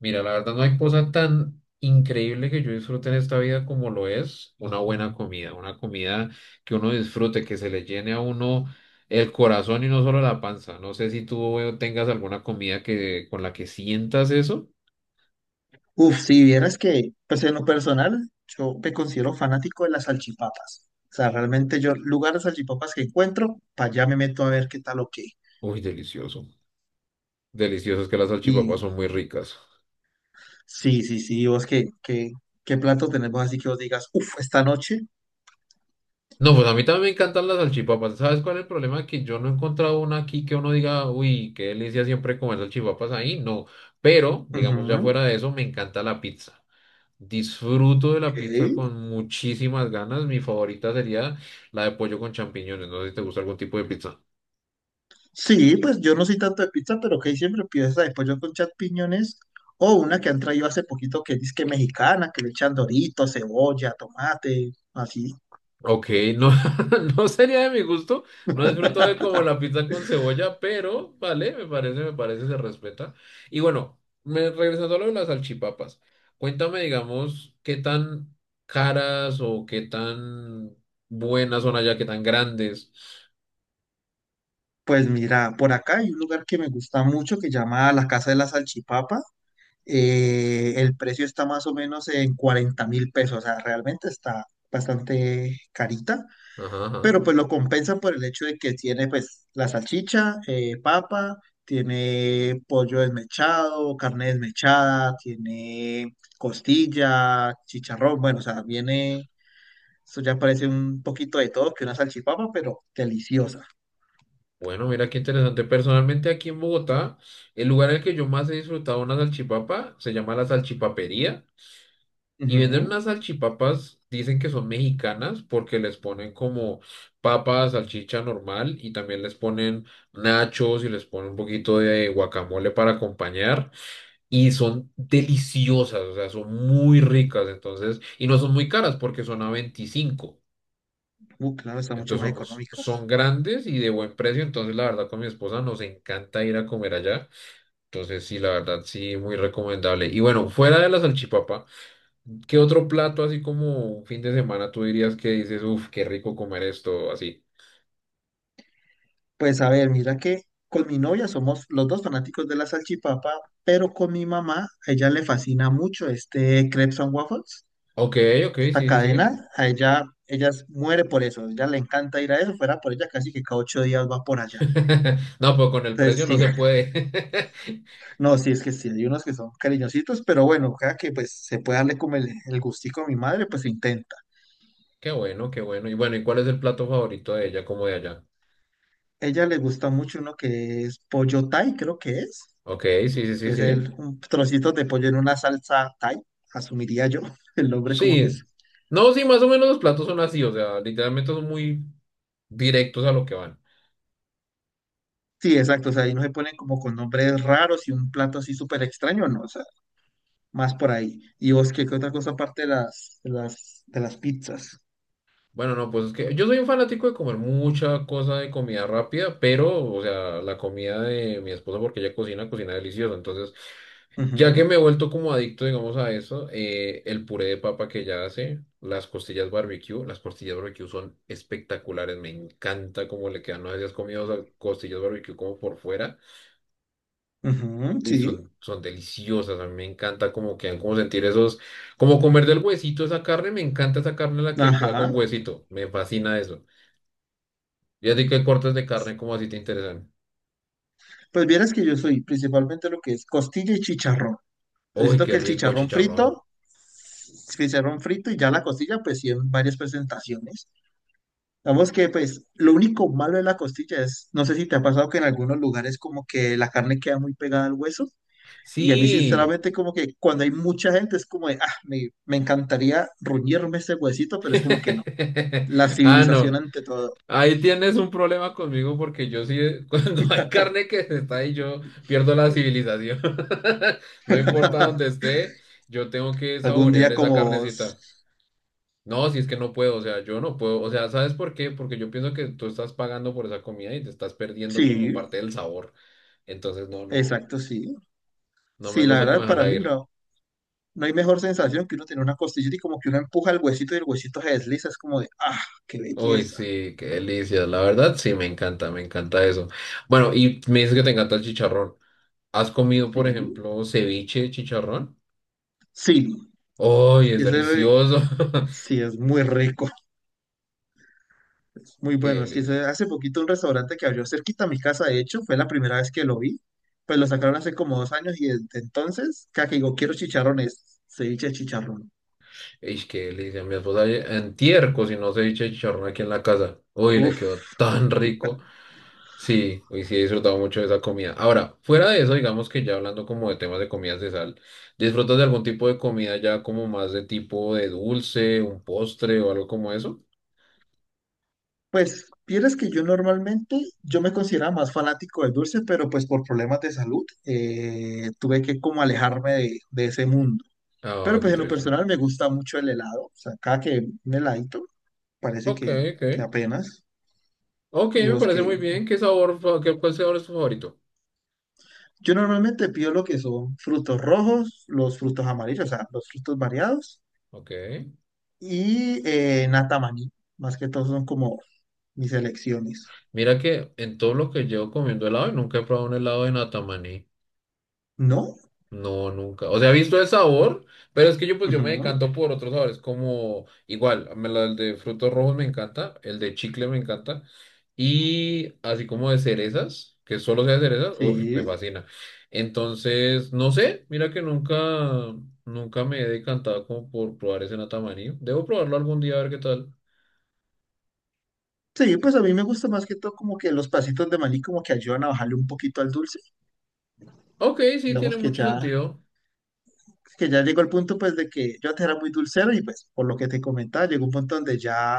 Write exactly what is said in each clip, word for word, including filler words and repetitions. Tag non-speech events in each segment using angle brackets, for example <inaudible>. Mira, la verdad no hay cosa tan increíble que yo disfrute en esta vida como lo es una buena comida, una comida que uno disfrute, que se le llene a uno el corazón y no solo la panza. No sé si tú eh, tengas alguna comida que con la que sientas eso. Uf, si vieras que, pues en lo personal, yo me considero fanático de las salchipapas. O sea, realmente yo, lugar de salchipapas que encuentro, para allá me meto a ver qué tal o qué. Uy, delicioso. Delicioso, es que las salchipapas Y son muy ricas. sí, sí, sí, vos qué, qué, qué plato tenemos así que vos digas, uf, esta noche. No, pues a mí también me encantan las salchipapas. ¿Sabes cuál es el problema? Que yo no he encontrado una aquí que uno diga, uy, qué delicia siempre comer salchipapas ahí. No, pero digamos Ujú, ya fuera de eso, me encanta la pizza. Disfruto de ok. la pizza con muchísimas ganas. Mi favorita sería la de pollo con champiñones. No sé si te gusta algún tipo de pizza. Sí, pues yo no soy tanto de pizza, pero que siempre pido esa de pollo con champiñones. O una que han traído hace poquito que es que mexicana, que le echan dorito, cebolla, tomate, así. Ok, no, <laughs> no sería de mi gusto. No disfruto de <laughs> como la pizza con cebolla, pero vale, me parece, me parece, se respeta. Y bueno, me, regresando a lo de las salchipapas. Cuéntame, digamos, qué tan caras o qué tan buenas son allá, qué tan grandes. Pues mira, por acá hay un lugar que me gusta mucho que llama La Casa de la Salchipapa. Eh, el precio está más o menos en cuarenta mil pesos, o sea, realmente está bastante carita, Ajá, ajá. pero pues lo compensa por el hecho de que tiene pues la salchicha, eh, papa, tiene pollo desmechado, carne desmechada, tiene costilla, chicharrón, bueno, o sea, viene, eso ya parece un poquito de todo que una salchipapa, pero deliciosa. Bueno, mira qué interesante. Personalmente aquí en Bogotá, el lugar en el que yo más he disfrutado una salchipapa se llama la salchipapería y venden Ujú. unas salchipapas, dicen que son mexicanas porque les ponen como papa, salchicha normal y también les ponen nachos y les ponen un poquito de guacamole para acompañar y son deliciosas, o sea, son muy ricas entonces y no son muy caras porque son a veinticinco, Uh, claro, están mucho entonces más son, son económicas. grandes y de buen precio. Entonces, la verdad, con mi esposa nos encanta ir a comer allá. Entonces, sí, la verdad, sí, muy recomendable. Y bueno, fuera de la salchipapa, ¿qué otro plato así como un fin de semana tú dirías que dices, uff, qué rico comer esto así? Pues a ver, mira que con mi novia somos los dos fanáticos de la salchipapa, pero con mi mamá, a ella le fascina mucho este Crepes and Waffles, Ok, ok, esta sí, sí, sí. cadena, a ella, ella s- muere por eso, a ella le encanta ir a eso, fuera por ella casi que cada ocho días va por allá. <laughs> No, pero con el Entonces precio no sí, se <laughs> puede. <laughs> no, sí, es que sí, hay unos que son cariñositos, pero bueno, cada que pues se puede darle como el, el gustico a mi madre, pues se intenta. Qué bueno, qué bueno. Y bueno, ¿y cuál es el plato favorito de ella como de allá? A ella le gusta mucho uno que es pollo Thai, creo que es. Ok, sí, sí, Que sí, es sí. el, un trocito de pollo en una salsa Thai, asumiría yo <laughs> el nombre como que es. Sí. No, sí, más o menos los platos son así, o sea, literalmente son muy directos a lo que van. Sí, exacto, o sea, ahí no se ponen como con nombres raros y un plato así súper extraño, no, o sea, más por ahí. Y vos, ¿qué, qué otra cosa aparte de las, de las, de las pizzas? Bueno, no, pues es que yo soy un fanático de comer mucha cosa de comida rápida, pero, o sea, la comida de mi esposa, porque ella cocina, cocina deliciosa. Entonces, ya que me Ujú, he vuelto como adicto, digamos, a eso, eh, el puré de papa que ella hace, las costillas barbecue, las costillas barbecue son espectaculares, me encanta cómo le quedan. No sé si has comido o sea, costillas barbecue como por fuera. ujú, Uy, sí, son, son deliciosas, a mí me encanta como quedan, como sentir esos, como comer del huesito esa carne, me encanta esa carne la que queda con ajá. huesito, me fascina eso. Y así que cortes de carne como así te interesan. Pues vieras que yo soy principalmente lo que es costilla y chicharrón. Yo Uy, siento que qué el rico chicharrón chicharrón. frito, chicharrón frito y ya la costilla, pues sí, en varias presentaciones. Vamos que pues lo único malo de la costilla es, no sé si te ha pasado que en algunos lugares como que la carne queda muy pegada al hueso y a mí Sí. sinceramente como que cuando hay mucha gente es como de, ah, me, me encantaría ruñirme ese huesito, pero es como que no. <laughs> La Ah, civilización no. ante todo. Ahí tienes un problema conmigo porque yo sí, <laughs> cuando hay carne que se está ahí, yo pierdo la civilización. <laughs> No importa dónde <laughs> esté, yo tengo que Algún saborear día esa como, s- carnecita. No, si es que no puedo, o sea, yo no puedo, o sea, ¿sabes por qué? Porque yo pienso que tú estás pagando por esa comida y te estás perdiendo como sí, parte del sabor. Entonces, no, no, exacto, sí. no me Sí, la gusta como verdad para dejarla mí ir. no, no hay mejor sensación que uno tener una costilla y como que uno empuja el huesito y el huesito se desliza, es como de, ah, qué Uy, belleza. sí, qué delicia, la verdad, sí, me encanta, me encanta eso. Bueno, y me dices que te encanta el chicharrón. ¿Has comido, por Sí. ejemplo, ceviche de chicharrón? Sí, Uy, es y ese, delicioso. <laughs> sí, es muy rico, <laughs> muy Qué bueno. Sí, se- delicia. hace poquito un restaurante que abrió cerquita a mi casa, de hecho, fue la primera vez que lo vi. Pues lo sacaron hace como dos años y desde entonces, cada que digo, quiero chicharrones, ceviche de chicharrón. Ish, qué delicia. Mi esposa ayer- antier cocinó ceviche de chicharrón aquí en la casa. Uy, le quedó Uf, tan rico. Sí, hoy sí he disfrutado mucho de esa comida. Ahora, fuera de eso, digamos que ya hablando como de temas de comidas de sal, ¿disfrutas de algún tipo de comida ya como más de tipo de dulce, un postre o algo como eso? pues, vieras que yo normalmente, yo me consideraba más fanático del dulce, pero pues por problemas de salud, eh, tuve que como alejarme de, de ese mundo. Ah, Pero qué pues en lo triste. personal me gusta mucho el helado, o sea, cada que un heladito, parece Ok, que, ok. que apenas. Ok, ¿Y me vos parece qué? muy bien. ¿Qué sabor, fa- qué, cuál sabor es tu favorito? Yo normalmente pido lo que son frutos rojos, los frutos amarillos, o sea, los frutos variados Ok. y eh, nata maní. Más que todo son como mis elecciones. Mira que en todo lo que llevo comiendo helado, nunca he probado un helado de natamaní. ¿No? No, nunca. O sea, he visto el sabor, pero es que yo pues yo me Ujú, decanto por otros sabores, como igual, me la- el de frutos rojos me encanta, el de chicle me encanta, y así como de cerezas, que solo sea de cerezas, uf, me sí. fascina. Entonces, no sé, mira que nunca, nunca me he decantado como por probar ese natamarí. Debo probarlo algún día a ver qué tal. Sí, pues a mí me gusta más que todo como que los pasitos de maní como que ayudan a bajarle un poquito al dulce. Ok, sí, tiene Digamos que mucho ya, sentido. que ya llegó el punto pues de que yo antes era muy dulcero y pues por lo que te comentaba, llegó un punto donde ya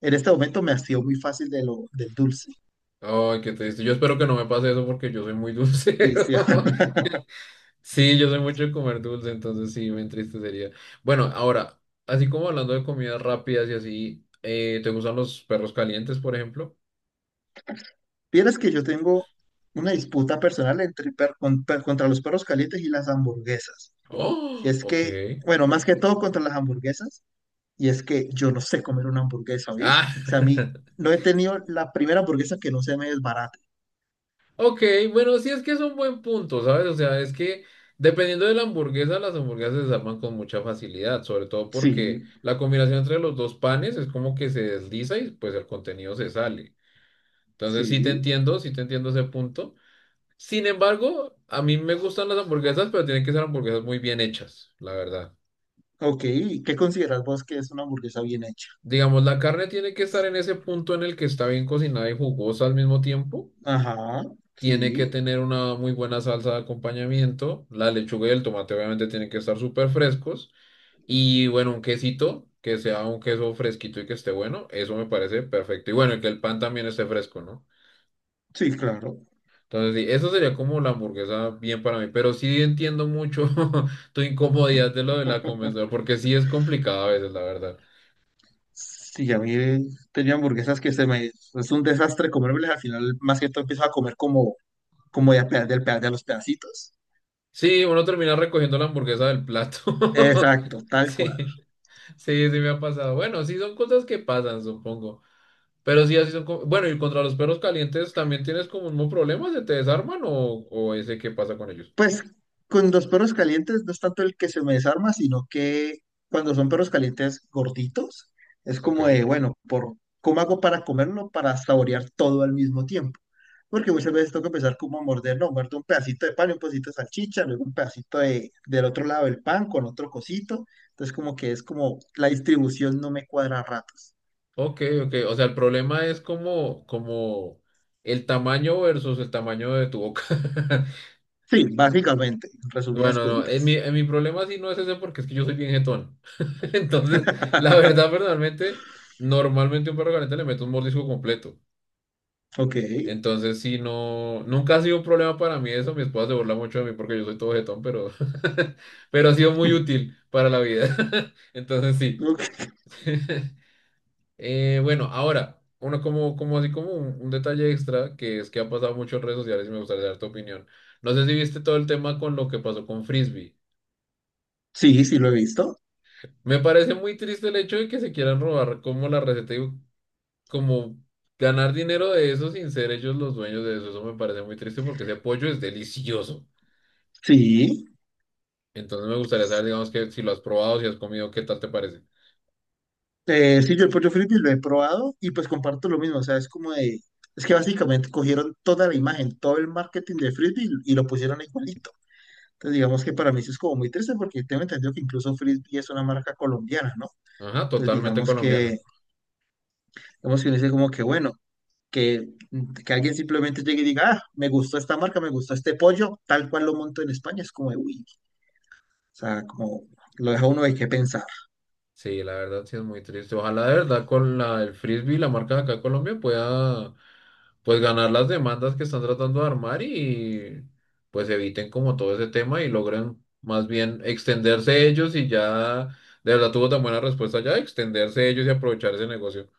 en este momento me hastío muy fácil de lo, del dulce. Ay, qué triste. Yo espero que no me pase eso porque yo soy muy <laughs> Pues, sí. dulcero. Sí, yo soy mucho de comer dulce, entonces sí, me entristecería. Bueno, ahora, así como hablando de comidas rápidas y así, eh, ¿te gustan los perros calientes, por ejemplo? Vieras que yo tengo una disputa personal entre per- con- per- contra los perros calientes y las hamburguesas. Y Oh, es que, ok. bueno, más que todo contra las hamburguesas, y es que yo no sé comer una hamburguesa, ¿oís? Ah, O sea, a mí no he tenido la primera hamburguesa que no se me desbarate. <laughs> ok, bueno, sí es que es un buen punto, ¿sabes? O sea, es que dependiendo de la hamburguesa, las hamburguesas se desarman con mucha facilidad, sobre todo porque Sí, la combinación entre los dos panes es como que se desliza y pues el contenido se sale. Entonces sí te sí. entiendo, sí te entiendo ese punto. Sin embargo, a mí me gustan las hamburguesas, pero tienen que ser hamburguesas muy bien hechas, la verdad. Ok, ¿qué consideras vos que es una hamburguesa bien hecha? Digamos, la carne tiene que estar en ese punto en el que está bien cocinada y jugosa al mismo tiempo. Ajá, sí, Tiene que tener una muy buena salsa de acompañamiento. La lechuga y el tomate obviamente tienen que estar súper frescos. Y bueno, un quesito, que sea un queso fresquito y que esté bueno. Eso me parece perfecto. Y bueno, y que el pan también esté fresco, ¿no? sí, claro. Entonces, sí, eso sería como la hamburguesa bien para mí, pero sí entiendo mucho <laughs> tu incomodidad de lo de la comensal, porque sí es complicado a veces, la verdad. Sí, a mí he tenido hamburguesas que se me... Es un desastre comérmelas, al final más que todo empiezo a comer como como ya pe- del pe- de los pedacitos. Sí, uno termina recogiendo la hamburguesa del plato. <laughs> Exacto, tal cual. Sí, sí, sí me ha pasado. Bueno, sí son cosas que pasan, supongo. Pero sí, así son. Co- Bueno, y contra los perros calientes, ¿también tienes como un problema? ¿Se te desarman o, o ese qué pasa con ellos? Pues con los perros calientes no es tanto el que se me desarma, sino que cuando son perros calientes gorditos, es Ok, como de, bueno, por, ¿cómo hago para comerlo, para saborear todo al mismo tiempo? Porque muchas veces tengo que empezar como a morder, no, muerto un pedacito de pan, y un pedacito de salchicha, luego un pedacito de, del otro lado del pan con otro cosito. Entonces como que es como la distribución no me cuadra a ratos. ok, ok. O sea, el problema es como, como el tamaño versus el tamaño de tu boca. <laughs> Sí, básicamente, en resumidas Bueno, no, en mi, cuentas. en mi problema sí no es ese porque es que yo soy bien jetón. <laughs> Entonces, la <laughs> verdad, personalmente, normalmente a un perro caliente le meto un mordisco completo. Ok. Entonces, sí, no, nunca ha sido un problema para mí eso. Mi esposa se burla mucho de mí porque yo soy todo jetón, pero, <laughs> pero ha sido muy útil para la vida. <laughs> Entonces, sí. Ok. <laughs> Eh, bueno, ahora, uno como, como así como un, un detalle extra que es que ha pasado mucho en redes sociales y me gustaría dar tu opinión. No sé si viste todo el tema con lo que pasó con Frisbee. Sí, sí lo he visto. Me parece muy triste el hecho de que se quieran robar como la receta y como ganar dinero de eso sin ser ellos los dueños de eso. Eso me parece muy triste porque ese pollo es delicioso. Sí. Entonces me gustaría saber, digamos, que si lo has probado, si has comido, ¿qué tal te parece? Eh, sí, yo el pollo frisbee lo he probado y pues comparto lo mismo. O sea, es como de. Es que básicamente cogieron toda la imagen, todo el marketing de frisbee y y lo pusieron igualito. Entonces, digamos que para mí eso es como muy triste porque tengo entendido que incluso frisbee es una marca colombiana, ¿no? Ajá, Entonces, totalmente digamos que. colombiana. Digamos que uno dice como que bueno. Que, que alguien simplemente llegue y diga, ah, me gustó esta marca, me gustó este pollo, tal cual lo monto en España, es como de, uy, o sea, como lo deja uno de qué pensar. Sí, la verdad sí es muy triste. Ojalá de verdad con la, el frisbee, y la marca de acá en Colombia, pueda pues ganar las demandas que están tratando de armar y pues eviten como todo ese tema y logren más bien extenderse ellos y ya de verdad tuvo tan buena respuesta ya, extenderse ellos y aprovechar ese negocio.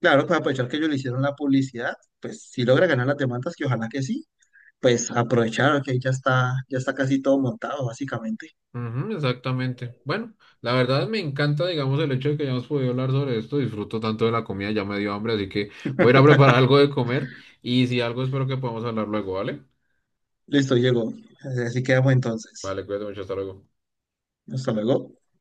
Claro, pues aprovechar que ellos le hicieron la publicidad, pues si logra ganar las demandas, que ojalá que sí, pues aprovechar que ya está, ya está casi todo montado, básicamente. Ujú, exactamente. Bueno, la verdad me encanta, digamos, el hecho de que hayamos podido hablar sobre esto. Disfruto tanto de la comida, ya me dio hambre, así que voy a ir a preparar <laughs> algo de comer y si algo espero que podamos hablar luego, ¿vale? Listo, llegó. Así quedamos entonces. Vale, cuídate mucho, hasta luego. Hasta luego.